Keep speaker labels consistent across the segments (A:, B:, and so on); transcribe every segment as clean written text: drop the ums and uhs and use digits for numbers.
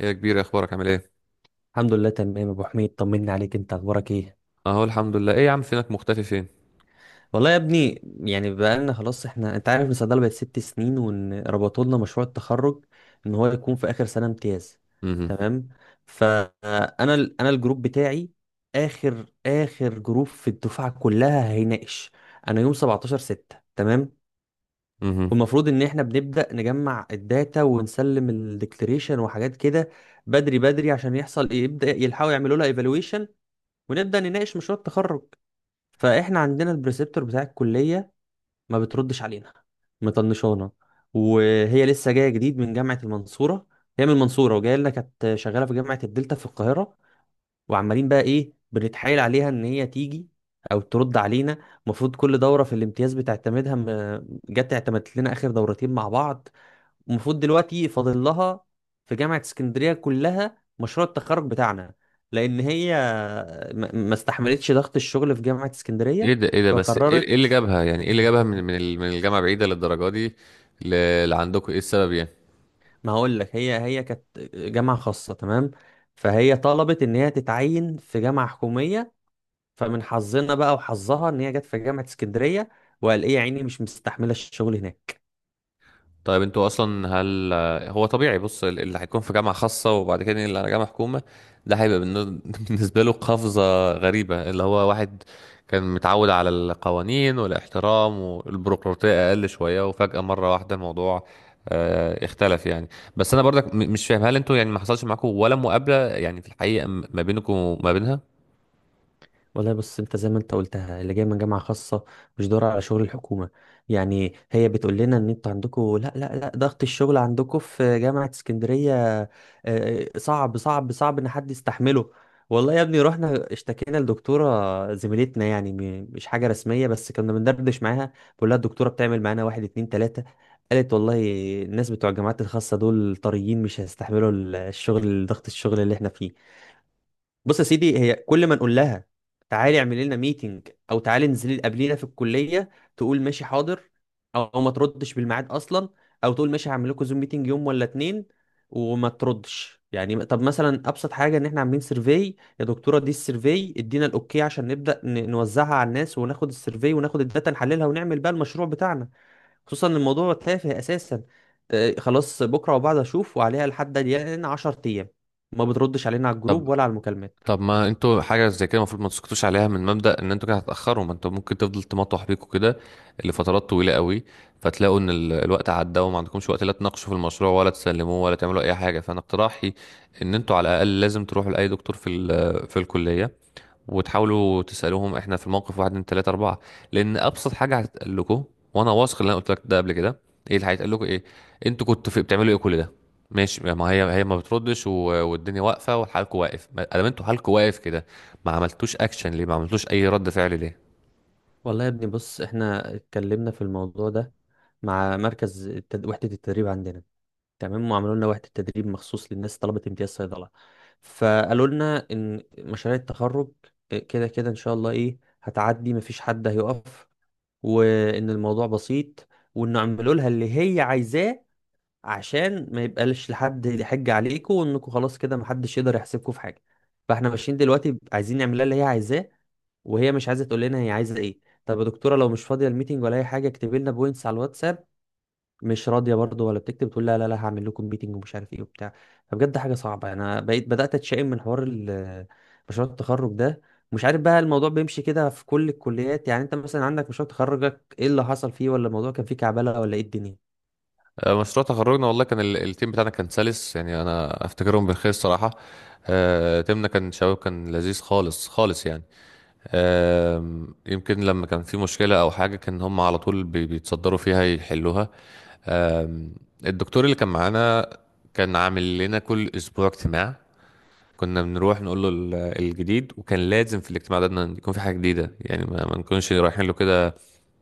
A: ايه يا كبير، اخبارك؟ عامل ايه؟
B: الحمد لله تمام، ابو حميد طمني عليك. انت اخبارك ايه؟
A: اهو الحمد لله. ايه يا عم، فينك؟ مختفي فين؟
B: والله يا ابني، يعني بقالنا خلاص احنا، انت عارف ان الصيدله بقت 6 سنين، وان ربطوا لنا مشروع التخرج ان هو يكون في اخر سنه امتياز.
A: امم.
B: تمام. فانا ال- انا الجروب بتاعي اخر اخر جروب في الدفعه كلها هيناقش. انا يوم 17 6. تمام.
A: امم.
B: والمفروض ان احنا بنبدا نجمع الداتا ونسلم الديكليريشن وحاجات كده، بدري بدري، عشان يحصل ايه، يبدا يلحقوا يعملوا لها ايفالويشن ونبدا نناقش مشروع التخرج. فاحنا عندنا البريسبتور بتاع الكليه ما بتردش علينا، مطنشانا، وهي لسه جايه جديد من جامعه المنصوره. هي من المنصوره وجايه لنا، كانت شغاله في جامعه الدلتا في القاهره، وعمالين بقى ايه، بنتحايل عليها ان هي تيجي او ترد علينا. المفروض كل دوره في الامتياز بتعتمدها، جت اعتمدت لنا اخر دورتين مع بعض. المفروض دلوقتي فاضل لها في جامعة اسكندرية كلها مشروع التخرج بتاعنا، لأن هي ما استحملتش ضغط الشغل في جامعة
A: ايه
B: اسكندرية،
A: ده؟ ايه ده؟ بس ايه، إيه اللي
B: فقررت.
A: جابها، يعني ايه اللي جابها من الجامعه بعيده للدرجه دي؟ لعندكم ايه السبب يعني؟
B: ما هقول لك، هي كانت جامعة خاصة، تمام، فهي طلبت إن هي تتعين في جامعة حكومية، فمن حظنا بقى وحظها إن هي جت في جامعة اسكندرية، وقال إيه يا عيني مش مستحملة الشغل هناك.
A: طيب، انتوا اصلا هل هو طبيعي؟ بص، اللي هيكون في جامعه خاصه وبعد كده اللي على جامعه حكومه، ده هيبقى بالنسبه له قفزه غريبه، اللي هو واحد كان متعود على القوانين والاحترام والبيروقراطيه اقل شويه، وفجاه مره واحده الموضوع اختلف يعني. بس انا برضك مش فاهم، هل انتوا يعني ما حصلش معاكم ولا مقابله، يعني في الحقيقه ما بينكم وما بينها؟
B: والله بص، انت زي ما انت قلتها، اللي جاي من جامعه خاصه مش دور على شغل الحكومه. يعني هي بتقول لنا ان انتوا عندكم، لا لا لا، ضغط الشغل عندكم في جامعه اسكندريه آه، صعب صعب صعب ان حد يستحمله. والله يا ابني، رحنا اشتكينا لدكتوره زميلتنا، يعني مش حاجه رسميه، بس كنا بندردش معاها، بقول لها الدكتوره بتعمل معانا واحد اتنين تلاته. قالت والله الناس بتوع الجامعات الخاصه دول طريين، مش هيستحملوا ضغط الشغل اللي احنا فيه. بص يا سيدي، هي كل ما نقول لها تعالي اعملي لنا ميتنج او تعالي انزلي قابلينا في الكليه، تقول ماشي حاضر، او ما تردش بالميعاد اصلا، او تقول ماشي هعمل لكم زوم ميتنج يوم ولا اتنين، وما تردش. يعني طب مثلا ابسط حاجه، ان احنا عاملين سيرفي، يا دكتوره دي السيرفي ادينا الاوكي عشان نبدا نوزعها على الناس وناخد السيرفي وناخد الداتا نحللها ونعمل بقى المشروع بتاعنا، خصوصا ان الموضوع تافه اساسا. خلاص بكره وبعد اشوف، وعليها لحد الان 10 ايام ما بتردش علينا على
A: طب،
B: الجروب ولا على المكالمات.
A: طب، ما انتوا حاجة زي كده المفروض ما تسكتوش عليها، من مبدأ ان انتوا كده هتأخروا، ما انتوا ممكن تفضل تمطوح بيكوا كده لفترات طويلة قوي. فتلاقوا ان الوقت عدى، وما عندكمش وقت لا تناقشوا في المشروع، ولا تسلموه، ولا تعملوا اي حاجة. فانا اقتراحي ان انتوا على الاقل لازم تروحوا لأي دكتور في الكلية، وتحاولوا تسألوهم احنا في الموقف، واحد اتنين تلاتة أربعة. لأن أبسط حاجة هتتقال لكم، وأنا واثق اللي أنا قلت لك ده قبل كده، إيه اللي هيتقال لكم؟ إيه أنتوا كنتوا في بتعملوا إيه كل ده؟ ماشي، ما هي ما بتردش والدنيا واقفة وحالكوا واقف. ما دام أنتوا حالكوا واقف كده، ما عملتوش أكشن ليه؟ ما عملتوش أي رد فعل ليه؟
B: والله يا ابني بص، احنا اتكلمنا في الموضوع ده مع وحدة التدريب عندنا. تمام. وعملوا لنا وحدة تدريب مخصوص للناس طلبة امتياز صيدلة. فقالوا لنا ان مشاريع التخرج كده كده ان شاء الله ايه هتعدي، مفيش حد هيقف، وان الموضوع بسيط، وانه عملوا لها اللي هي عايزاه عشان ما يبقاش لحد يحج عليكم، وانكم خلاص كده محدش يقدر يحسبكم في حاجه. فاحنا ماشيين دلوقتي عايزين نعملها اللي هي عايزاه، وهي مش عايزه تقول لنا هي عايزه ايه. طب يا دكتوره لو مش فاضيه الميتنج ولا اي حاجه اكتبي لنا بوينتس على الواتساب. مش راضيه برضه ولا بتكتب، تقول لا لا لا هعمل لكم ميتنج ومش عارف ايه وبتاع. فبجد حاجه صعبه، انا بقيت بدات اتشائم من حوار مشروع التخرج ده. مش عارف بقى الموضوع بيمشي كده في كل الكليات، يعني انت مثلا عندك مشروع تخرجك ايه اللي حصل فيه، ولا الموضوع كان فيه كعبله ولا ايه الدنيا؟
A: مشروع تخرجنا والله كان التيم بتاعنا كان سلس، يعني أنا أفتكرهم بالخير الصراحة. تيمنا كان شباب، كان لذيذ خالص خالص يعني. يمكن لما كان في مشكلة أو حاجة كان هم على طول بيتصدروا فيها يحلوها. آم، الدكتور اللي كان معانا كان عامل لنا كل أسبوع اجتماع، كنا بنروح نقول له الجديد، وكان لازم في الاجتماع ده إن يكون في حاجة جديدة، يعني ما نكونش رايحين له كده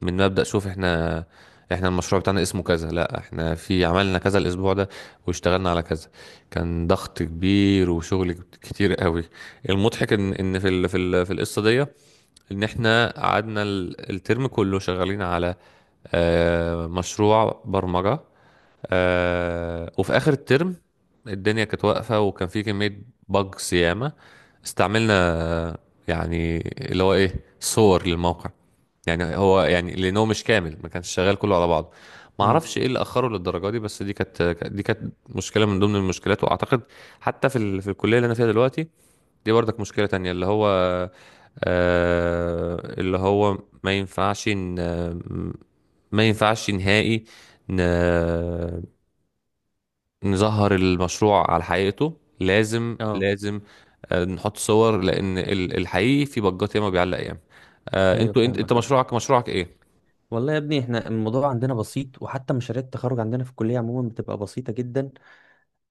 A: من مبدأ. شوف، احنا المشروع بتاعنا اسمه كذا، لا احنا في عملنا كذا الأسبوع ده واشتغلنا على كذا. كان ضغط كبير وشغل كتير قوي. المضحك ان في القصة دي، ان احنا قعدنا الترم كله شغالين على مشروع برمجة. وفي اخر الترم الدنيا كانت واقفة، وكان في كمية بج ياما استعملنا. آه، يعني اللي هو ايه، صور للموقع، يعني هو يعني لانه مش كامل، ما كانش شغال كله على بعضه، ما
B: امم.
A: اعرفش ايه اللي اخره للدرجه دي. بس دي كانت دي كانت مشكله من ضمن المشكلات. واعتقد حتى في الكليه اللي انا فيها دلوقتي دي برضك مشكلة تانية، اللي هو اللي هو ما ينفعش ن- ما ينفعش نهائي ن- نظهر المشروع على حقيقته، لازم
B: اه.
A: لازم نحط صور، لأن الحقيقي في بجات ياما، بيعلق ياما.
B: ايوه
A: انت
B: فاهمك.
A: مشروعك مشروعك ايه؟
B: والله يا ابني، احنا الموضوع عندنا بسيط، وحتى مشاريع التخرج عندنا في الكلية عموما بتبقى بسيطة جدا.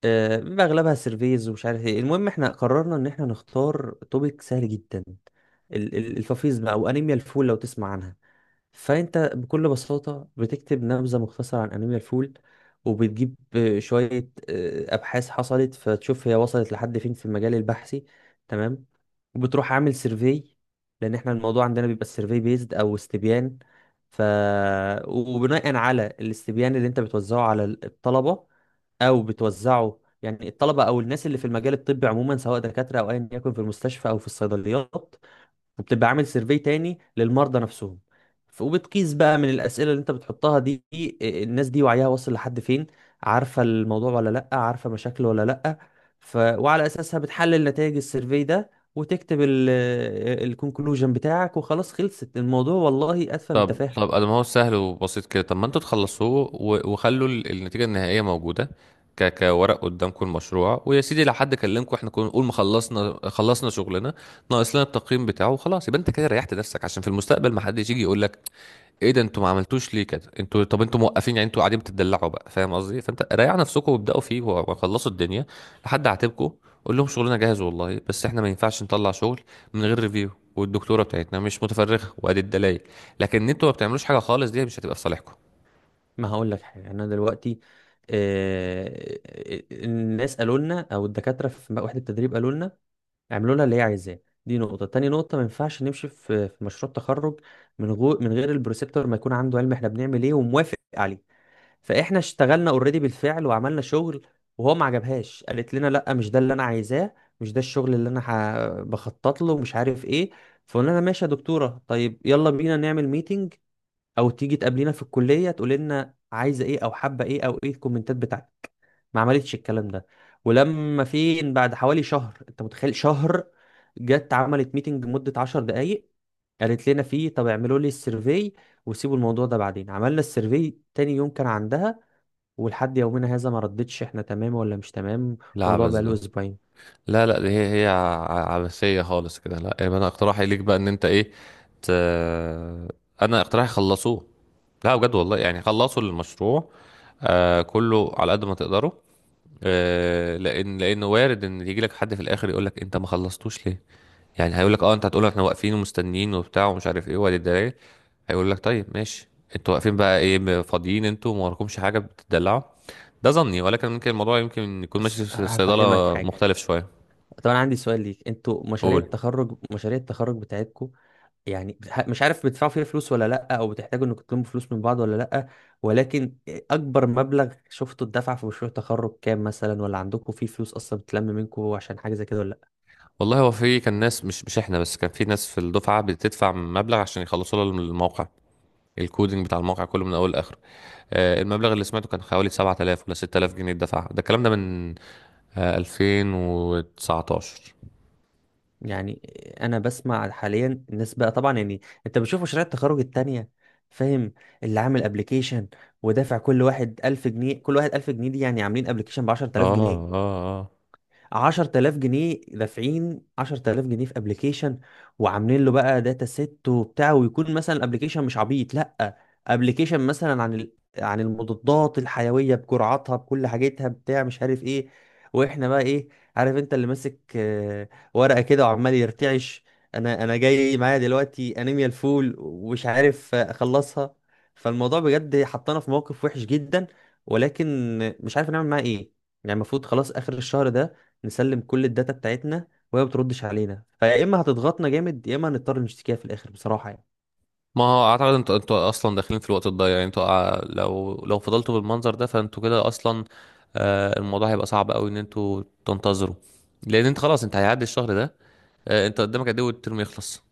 B: بيبقى اغلبها سيرفيز ومش عارف ايه. المهم، احنا قررنا ان احنا نختار توبيك سهل جدا، الفافيز بقى وانيميا الفول لو تسمع عنها. فانت بكل بساطه بتكتب نبذه مختصره عن انيميا الفول، وبتجيب شويه ابحاث حصلت، فتشوف هي وصلت لحد فين في المجال البحثي. تمام. وبتروح عامل سيرفي، لان احنا الموضوع عندنا بيبقى سيرفي بيزد او استبيان. ف وبناء على الاستبيان اللي انت بتوزعه على الطلبه، او بتوزعه يعني الطلبه او الناس اللي في المجال الطبي عموما، سواء دكاتره او ايا يكن، في المستشفى او في الصيدليات. وبتبقى عامل سيرفي تاني للمرضى نفسهم، وبتقيس بقى من الأسئلة اللي انت بتحطها دي إيه، الناس دي وعيها واصل لحد فين، عارفة الموضوع ولا لأ، عارفة مشاكله ولا لأ. وعلى أساسها بتحلل نتائج السيرفي ده وتكتب الكونكلوجن بتاعك، وخلاص خلصت الموضوع، والله أتفه من
A: طب،
B: التفاهة.
A: طب، انا ما هو سهل وبسيط كده. طب، ما انتوا تخلصوه وخلوا النتيجه النهائيه موجوده، كورق قدامكم المشروع. ويا سيدي لو حد كلمكم احنا كنا نقول ما خلصنا، خلصنا شغلنا، ناقص لنا التقييم بتاعه وخلاص. يبقى انت كده ريحت نفسك، عشان في المستقبل ما حدش يجي يقول لك، ايه ده انتوا ما عملتوش ليه كده؟ انتوا طب انتوا موقفين؟ يعني انتوا قاعدين بتدلعوا بقى، فاهم قصدي؟ فانت ريحوا نفسكم وابداوا فيه وخلصوا الدنيا لحد عاتبكم. قول لهم شغلنا جاهز والله، بس احنا ما ينفعش نطلع شغل من غير ريفيو، والدكتوره بتاعتنا مش متفرغه، وادي الدلائل. لكن ان انتوا ما بتعملوش حاجه خالص، دي مش هتبقى في صالحكم.
B: ما هقول لك حاجة. أنا دلوقتي الناس قالوا لنا، أو الدكاترة في وحدة التدريب قالوا لنا اعملوا لها اللي هي عايزاه. دي نقطة. تاني نقطة، ما ينفعش نمشي في مشروع تخرج من غير البروسيبتور ما يكون عنده علم احنا بنعمل ايه وموافق عليه. فاحنا اشتغلنا اوريدي بالفعل وعملنا شغل، وهو ما عجبهاش، قالت لنا لا مش ده اللي انا عايزاه، مش ده الشغل اللي انا بخطط له مش عارف ايه. فقلنا لها ماشي يا دكتورة، طيب يلا بينا نعمل ميتنج او تيجي تقابلينا في الكلية، تقول لنا عايزة ايه او حابة ايه او ايه الكومنتات بتاعتك. ما عملتش الكلام ده. ولما فين، بعد حوالي شهر، انت متخيل شهر، جت عملت ميتنج مدة 10 دقايق، قالت لنا فيه طب اعملوا لي السيرفي وسيبوا الموضوع ده. بعدين عملنا السيرفي تاني يوم كان عندها، ولحد يومنا هذا ما ردتش احنا تمام ولا مش تمام.
A: لا،
B: الموضوع
A: عبث
B: بقى له
A: ده.
B: اسبوعين.
A: لا، لا، دي هي هي عبثيه خالص كده. لا، يبقى انا اقتراحي ليك بقى ان انت ايه ت... انا اقتراحي خلصوه. لا بجد والله، يعني خلصوا المشروع، كله على قد ما تقدروا. لانه وارد ان يجي لك حد في الاخر يقول لك انت ما خلصتوش ليه. يعني هيقول لك، اه انت هتقول احنا واقفين ومستنيين وبتاع ومش عارف ايه ولا الدرايه؟ هيقول لك، طيب ماشي، انتوا واقفين بقى ايه، فاضيين انتوا وما وراكمش حاجه بتدلعوا؟ ده ظني، ولكن ممكن الموضوع يمكن يكون ماشي في
B: هفهمك
A: الصيدله
B: حاجة.
A: مختلف شويه.
B: طبعا عندي سؤال ليك، انتوا مشاريع
A: قول.
B: التخرج مشاريع التخرج بتاعتكم يعني مش عارف، بتدفعوا فيها فلوس ولا لأ، أو بتحتاجوا إنكم تلموا فلوس من بعض ولا لأ؟ ولكن أكبر مبلغ شفته اتدفع في مشروع تخرج كام مثلا، ولا عندكم فيه فلوس أصلا بتلم منكم عشان حاجة زي كده ولا لأ؟
A: والله هو في كان ناس مش احنا بس، كان في ناس في الدفعه بتدفع مبلغ عشان يخلصوا لها الموقع، الكودينج بتاع الموقع كله من اول لاخره. المبلغ اللي سمعته كان حوالي 7000 ولا 6000 جنيه دفعها ده، الكلام ده من 2019.
B: يعني أنا بسمع حاليا الناس بقى، طبعا يعني أنت بتشوف مشاريع التخرج التانية، فاهم، اللي عامل ابلكيشن ودافع كل واحد 1000 جنيه، كل واحد 1000 جنيه، دي يعني عاملين ابلكيشن ب
A: اه،
B: 10000
A: اه،
B: جنيه
A: اه.
B: 10000 جنيه دافعين 10000 جنيه في ابلكيشن، وعاملين له بقى داتا سيت وبتاع، ويكون مثلا الابلكيشن مش عبيط، لا ابلكيشن مثلا عن عن المضادات الحيويه بجرعاتها بكل حاجتها بتاع، مش عارف ايه. واحنا بقى ايه؟ عارف انت اللي ماسك ورقه كده وعمال يرتعش. انا جاي معايا دلوقتي انيميا الفول ومش عارف اخلصها. فالموضوع بجد حطنا في موقف وحش جدا، ولكن مش عارف نعمل معاه ايه. يعني المفروض خلاص اخر الشهر ده نسلم كل الداتا بتاعتنا، وهي ما بتردش علينا، فيا اما هتضغطنا جامد يا اما هنضطر نشتكيها في الاخر بصراحه يعني.
A: ما هو اعتقد انتوا اصلا داخلين في الوقت الضايع، يعني انتوا لو لو فضلتوا بالمنظر ده فانتوا كده اصلا الموضوع هيبقى صعب قوي ان انتوا تنتظروا، لان انت خلاص، انت هيعدي الشهر ده. انت قدامك قد ايه والترم يخلص؟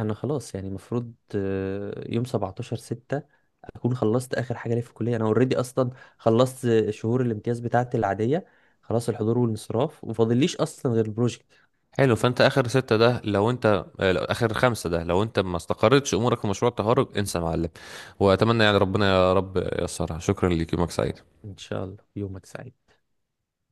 B: انا خلاص يعني المفروض يوم 17 6 اكون خلصت اخر حاجه ليا في الكليه. انا اوريدي اصلا خلصت شهور الامتياز بتاعتي العاديه، خلاص الحضور والانصراف، ومفاضليش اصلا غير البروجكت.
A: حلو، فانت اخر ستة ده، لو انت لو اخر خمسة ده، لو انت ما استقرتش امورك في مشروع التخرج انسى يا معلم. واتمنى، يعني ربنا يا رب ييسرها. شكرا ليك، يومك سعيد.
B: ان شاء الله يومك سعيد.